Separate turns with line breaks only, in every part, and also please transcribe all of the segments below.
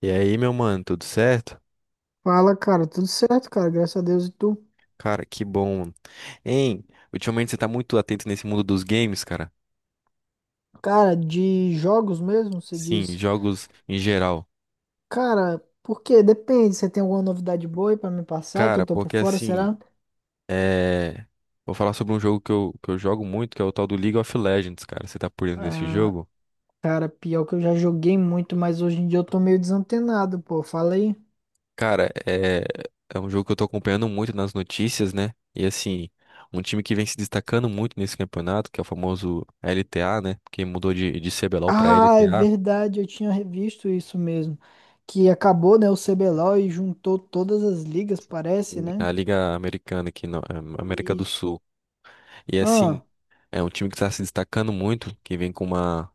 E aí, meu mano, tudo certo?
Fala, cara, tudo certo, cara, graças a Deus. E tu?
Cara, que bom. Hein, ultimamente você tá muito atento nesse mundo dos games, cara?
Cara, de jogos mesmo, você
Sim,
diz?
jogos em geral.
Cara, por quê? Depende, você tem alguma novidade boa aí pra me passar, que eu
Cara,
tô por
porque
fora,
assim,
será?
é... vou falar sobre um jogo que eu jogo muito, que é o tal do League of Legends, cara. Você tá por dentro desse
Ah,
jogo?
cara, pior que eu já joguei muito, mas hoje em dia eu tô meio desantenado, pô, fala aí.
Cara, é um jogo que eu tô acompanhando muito nas notícias, né? E assim, um time que vem se destacando muito nesse campeonato, que é o famoso LTA, né? Que mudou de CBLOL pra
Ah, é
LTA,
verdade, eu tinha revisto isso mesmo, que acabou, né, o CBLOL e juntou todas as ligas, parece, né?
a Liga Americana aqui na América do
Isso.
Sul. E assim,
Ah,
é um time que está se destacando muito, que vem com uma,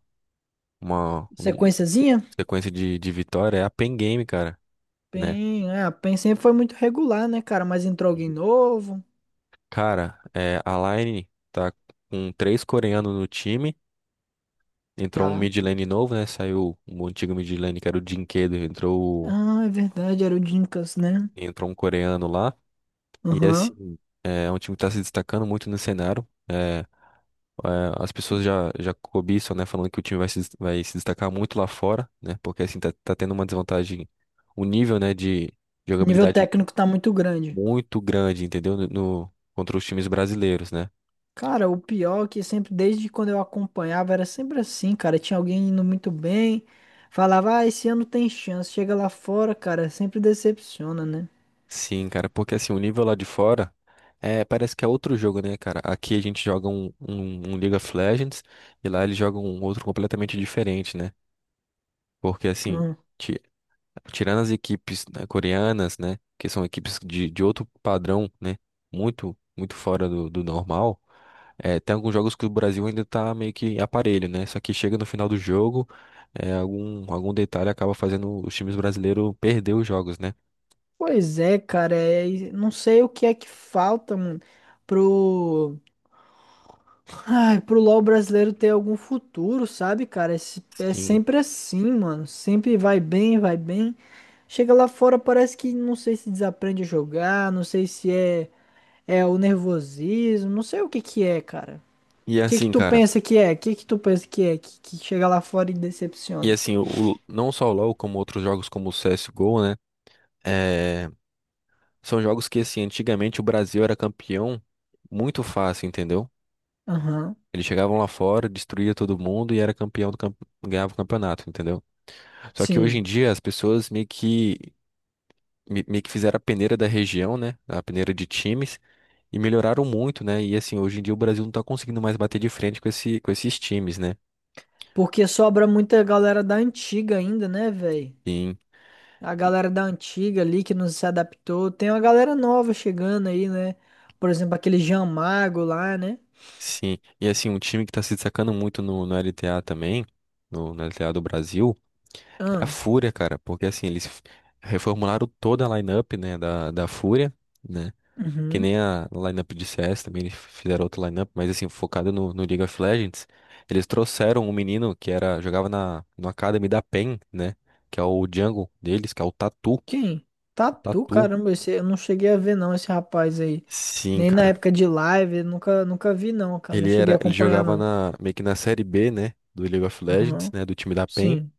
uma, um-
sequenciazinha?
sequência de vitória, é a Pen Game, cara, né?
PEN, é, a PEN sempre foi muito regular, né, cara? Mas entrou alguém
Uhum.
novo,
Cara, a Line tá com três coreanos no time, entrou um
tá?
mid lane novo, né? Saiu um antigo mid lane que era o Jinkedo,
Ah, é verdade, era o Dinkas, né?
entrou um coreano lá. E
Aham.
assim, é um time que tá se destacando muito no cenário. As pessoas já cobiçam, né? Falando que o time vai se destacar muito lá fora, né? Porque assim tá tendo uma desvantagem, um nível, né, de
O nível
jogabilidade
técnico tá muito grande.
muito grande, entendeu? Contra os times brasileiros, né?
Cara, o pior é que sempre, desde quando eu acompanhava, era sempre assim, cara. Tinha alguém indo muito bem, falava, ah, esse ano tem chance. Chega lá fora, cara, sempre decepciona, né?
Sim, cara, porque assim, o nível lá de fora parece que é outro jogo, né, cara? Aqui a gente joga um League of Legends e lá eles jogam um outro completamente diferente, né? Porque assim.
Ah,
ti- Tirando as equipes, né, coreanas, né? Que são equipes de outro padrão, né? Muito, muito fora do normal. É, tem alguns jogos que o Brasil ainda tá meio que aparelho, né? Só que chega no final do jogo, algum detalhe acaba fazendo os times brasileiros perder os jogos, né?
pois é, cara, é, e não sei o que é que falta, mano, pro LoL brasileiro ter algum futuro, sabe, cara? É
Sim.
sempre assim, mano. Sempre vai bem, vai bem. Chega lá fora, parece que não sei se desaprende a jogar, não sei se é o nervosismo, não sei o que que é, cara.
E
O que que
assim,
tu
cara.
pensa que é? O que que tu pensa que é que chega lá fora e
E
decepciona?
assim, não só o LoL, como outros jogos como o CSGO, né? É, são jogos que, assim, antigamente o Brasil era campeão muito fácil, entendeu?
Aham,
Eles chegavam lá fora, destruía todo mundo e era campeão do ganhava o campeonato, entendeu? Só que hoje em
sim.
dia as pessoas meio que fizeram a peneira da região, né? A peneira de times e melhoraram muito, né? E assim, hoje em dia o Brasil não tá conseguindo mais bater de frente com esses times, né?
Porque sobra muita galera da antiga ainda, né, velho?
Sim.
A galera da antiga ali que não se adaptou. Tem uma galera nova chegando aí, né? Por exemplo, aquele Jean Mago lá, né?
Sim. E assim, um time que tá se destacando muito no LTA também, no LTA do Brasil, é a
Ah,
Fúria, cara, porque assim, eles reformularam toda a lineup, né, da Fúria, né? Que
uhum.
nem a no lineup de CS também, eles fizeram outro lineup, mas assim, focado no League of Legends. Eles trouxeram um menino jogava no Academy da PEN, né? Que é o jungle deles, que é o Tatu.
Quem? Tatu,
Tatu.
caramba, esse, eu não cheguei a ver não esse rapaz aí.
Sim,
Nem na
cara.
época de live, eu nunca, nunca vi não, cara. Não
Ele
cheguei
era,
a
ele
acompanhar
jogava
não.
meio que na série B, né? Do League of Legends,
Aham,
né? Do time da PEN.
sim,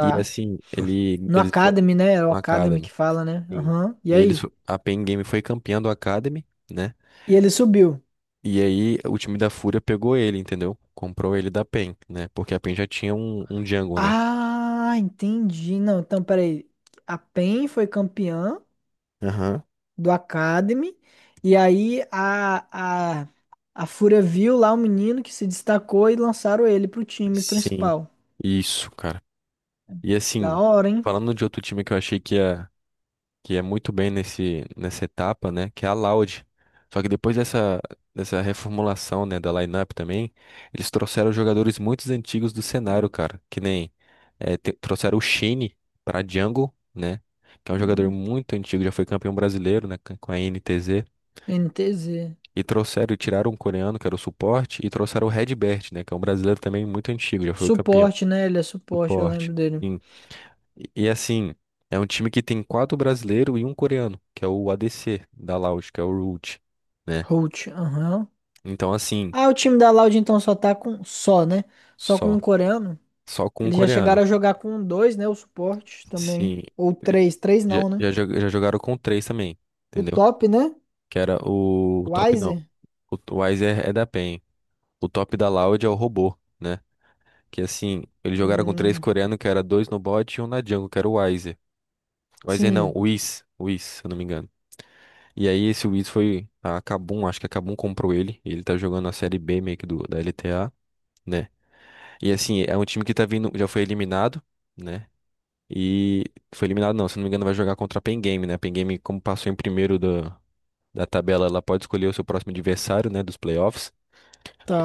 E assim, ele,
No
eles foram
Academy, né? É o
no
Academy
Academy.
que fala, né?
Sim.
Aham. E
E eles,
aí?
fo- a PEN Game foi campeã do Academy, né?
E ele subiu.
E aí o time da Fúria pegou ele, entendeu? Comprou ele da PEN, né? Porque a PEN já tinha um Jungle, né?
Ah, entendi. Não, então peraí. A PEN foi campeã
Aham.
do Academy. E aí a Fúria viu lá o menino que se destacou e lançaram ele pro time
Sim,
principal.
isso, cara. E
Da
assim,
hora, hein?
falando de outro time que eu achei que ia muito bem nessa etapa, né? Que é a Loud. Só que depois dessa reformulação, né, da lineup também, eles trouxeram jogadores muito antigos do cenário, cara. Que nem trouxeram o Shine pra Jungle, né? Que é um jogador
Hum,
muito antigo, já foi campeão brasileiro, né? Com a NTZ.
NTZ.
E tiraram um coreano, que era o suporte, e trouxeram o Redbert, né? Que é um brasileiro também muito antigo, já foi o campeão.
Suporte, né? Ele é suporte, eu
Suporte.
lembro dele.
Sim. Assim, é um time que tem quatro brasileiros e um coreano, que é o ADC da Loud, que é o Root, né?
Holt, aham.
Então, assim,
Ah, o time da Loud então só tá com. Só, né? Só com
só.
um coreano.
Só com um
Eles já chegaram
coreano.
a jogar com dois, né? O suporte também.
Sim.
Ou três. Três
Já,
não, né?
já, jo- já jogaram com três também,
O
entendeu?
top, né?
Que era o top, não.
Wiser?
O Weiser é da PEN. O top da Loud é o robô, né? Que assim, eles jogaram com três
Hum,
coreanos, que era dois no bot e um na jungle, que era o Weiser. Weiser não,
sim,
o Whis. O Whis, se eu não me engano. E aí esse Whis foi a Kabum, acho que a Kabum comprou ele. E ele tá jogando a série B meio que da LTA, né? E assim, é um time que tá vindo, já foi eliminado, né? E foi eliminado não, se eu não me engano vai jogar contra a Pen Game, né? A Pen Game, como passou em primeiro da tabela, ela pode escolher o seu próximo adversário, né, dos playoffs.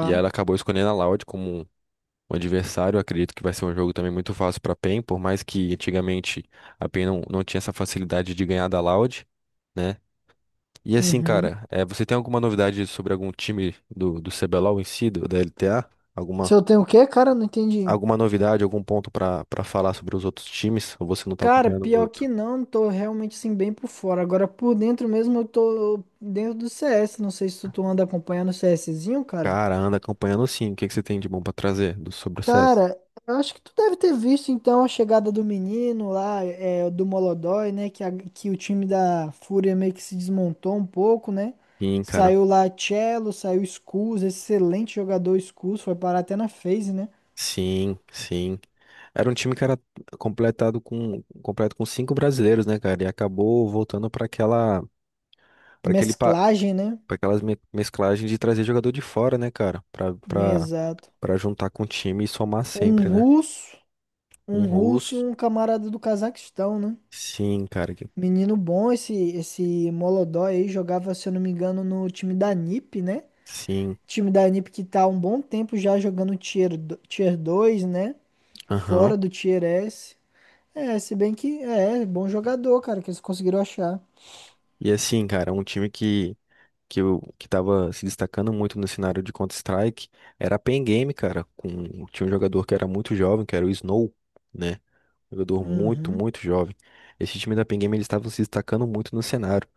E ela acabou escolhendo a Loud como o adversário, eu acredito que vai ser um jogo também muito fácil para a PEN, por mais que antigamente a PEN não tinha essa facilidade de ganhar da Loud, né? E assim,
Uhum.
cara, você tem alguma novidade sobre algum time do CBLOL em si, da LTA?
Se
Alguma,
eu tenho o quê, cara? Não entendi.
alguma novidade, algum ponto para falar sobre os outros times? Ou você não tá
Cara,
acompanhando
pior
muito?
que não, tô realmente assim bem por fora. Agora por dentro mesmo eu tô dentro do CS. Não sei se tu anda acompanhando o CSzinho, cara.
Cara, anda acompanhando sim. O que que você tem de bom para trazer sobre o CS?
Cara, eu acho que tu deve ter visto então a chegada do menino lá, do Molodói, né? Que o time da Fúria meio que se desmontou um pouco, né?
Sim, cara.
Saiu lá Cello, saiu Skulls, excelente jogador Skulls, foi parar até na FaZe, né?
Sim, sim. Era um time que era completado com completo com cinco brasileiros, né, cara? E acabou voltando para aquela para aquele para
Mesclagem, né?
aquelas me- mesclagens de trazer jogador de fora, né, cara? Pra para
Exato.
para juntar com o time e somar
Um
sempre, né?
russo.
Um
Um russo e
russo.
um camarada do Cazaquistão, né?
Sim, cara.
Menino bom, esse Molodói aí jogava, se eu não me engano, no time da NiP, né?
Sim.
Time da NiP que tá há um bom tempo já jogando Tier, tier 2, né?
Aham.
Fora do Tier S. É, se bem que é bom jogador, cara, que eles conseguiram achar.
E assim, cara, um time que tava se destacando muito no cenário de Counter-Strike era a Pen Game, cara, com tinha um jogador que era muito jovem, que era o Snow, né? Jogador muito,
Uhum.
muito jovem. Esse time da Pen Game, eles estavam se destacando muito no cenário.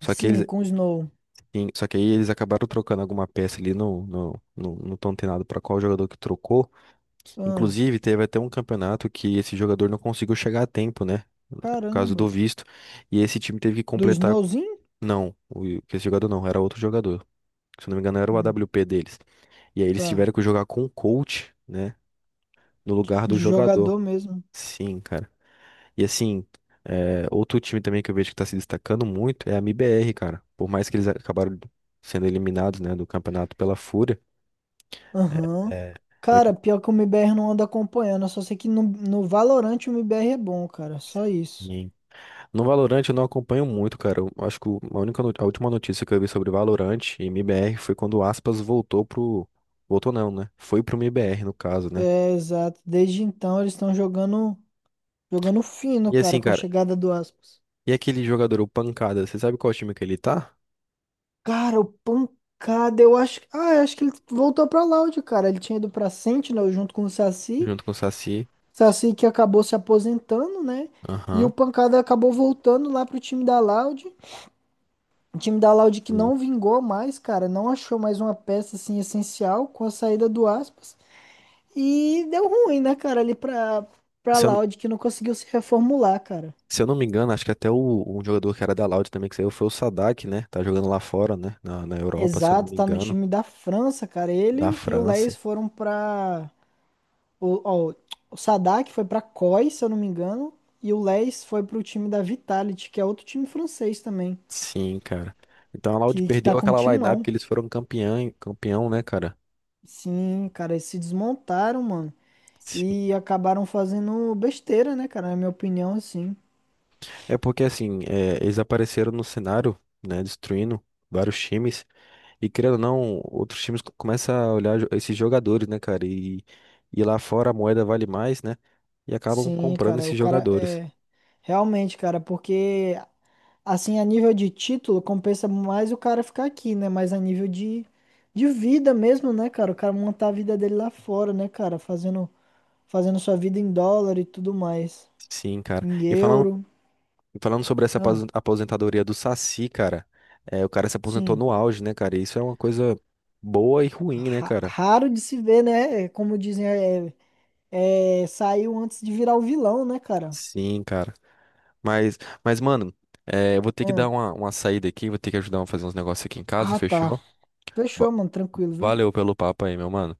Só que
Sim,
eles,
com o Snow.
só que aí eles acabaram trocando alguma peça ali, não tão antenado para qual jogador que trocou.
Ah,
Inclusive, teve até um campeonato que esse jogador não conseguiu chegar a tempo, né? No caso do
caramba.
visto. E esse time teve que
Do
completar.
Snowzinho?
Não, que esse jogador não, era outro jogador. Se eu não me engano, era o A
Hum,
W P deles. E aí eles
tá.
tiveram que jogar com o coach, né? No lugar do
De jogador
jogador.
mesmo.
Sim, cara. E assim, outro time também que eu vejo que tá se destacando muito é a MBR, cara. Por mais que eles acabaram sendo eliminados, né, do campeonato pela Fúria.
Aham.
É, é um
Cara,
time
pior que o MBR não anda acompanhando. Eu só sei que no Valorant o MBR é bom, cara. Só isso.
que- No Valorant eu não acompanho muito, cara. Eu acho que o- a única, no- a última notícia que eu vi sobre Valorant e MBR foi quando o Aspas voltou pro. Voltou não, né? Foi pro MBR, no caso, né?
É, exato. Desde então eles estão jogando fino,
E
cara,
assim,
com a
cara,
chegada do Aspas.
e aquele jogador, o Pancada, você sabe qual time que ele tá?
Cara, o pancada, eu acho. Ah, eu acho que ele voltou pra Loud, cara. Ele tinha ido pra Sentinel junto com o Saci.
Junto com o Saci.
Saci que acabou se aposentando, né? E o
Aham.
pancada acabou voltando lá pro time da Loud. O time da Laude que
Sim.
não vingou mais, cara, não achou mais uma peça assim essencial com a saída do Aspas e deu ruim, né, cara, ali pra para
Se eu,
Laude que não conseguiu se reformular, cara.
Se eu não me engano, acho que até um jogador que era da Loud também que saiu foi o Sadak, né? Tá jogando lá fora, né? Na Europa, se eu não
Exato,
me
tá no
engano.
time da França, cara.
Da
Ele e o
França.
Leis foram pra. o, ó, o Sadak foi pra COI, se eu não me engano, e o Leis foi pro time da Vitality, que é outro time francês também,
Sim, cara. Então a Loud
que tá
perdeu
com
aquela lineup
timão.
que eles foram campeão, campeão, né, cara?
Sim, cara, eles se desmontaram, mano.
Sim.
E acabaram fazendo besteira, né, cara? Na minha opinião, assim.
É porque, assim, eles apareceram no cenário, né? Destruindo vários times. E querendo ou não, outros times começam a olhar esses jogadores, né, cara? E lá fora a moeda vale mais, né? E acabam
Sim,
comprando
cara, o
esses
cara
jogadores.
é. Realmente, cara, porque assim, a nível de título, compensa mais o cara ficar aqui, né? Mas a nível de vida mesmo, né, cara? O cara montar a vida dele lá fora, né, cara? Fazendo sua vida em dólar e tudo mais.
Sim, cara.
Em
E falando
euro.
E Falando sobre essa
Ah,
aposentadoria do Saci, cara, o cara se aposentou
sim.
no auge, né, cara? E isso é uma coisa boa e ruim, né, cara?
Raro de se ver, né? É, como dizem, saiu antes de virar o vilão, né, cara?
Sim, cara. Mas, mano, eu vou ter que
Ah,
dar uma saída aqui, vou ter que ajudar a fazer uns negócios aqui em casa,
ah, tá.
fechou? Va-
Fechou, mano, tranquilo, viu?
Valeu pelo papo aí, meu mano.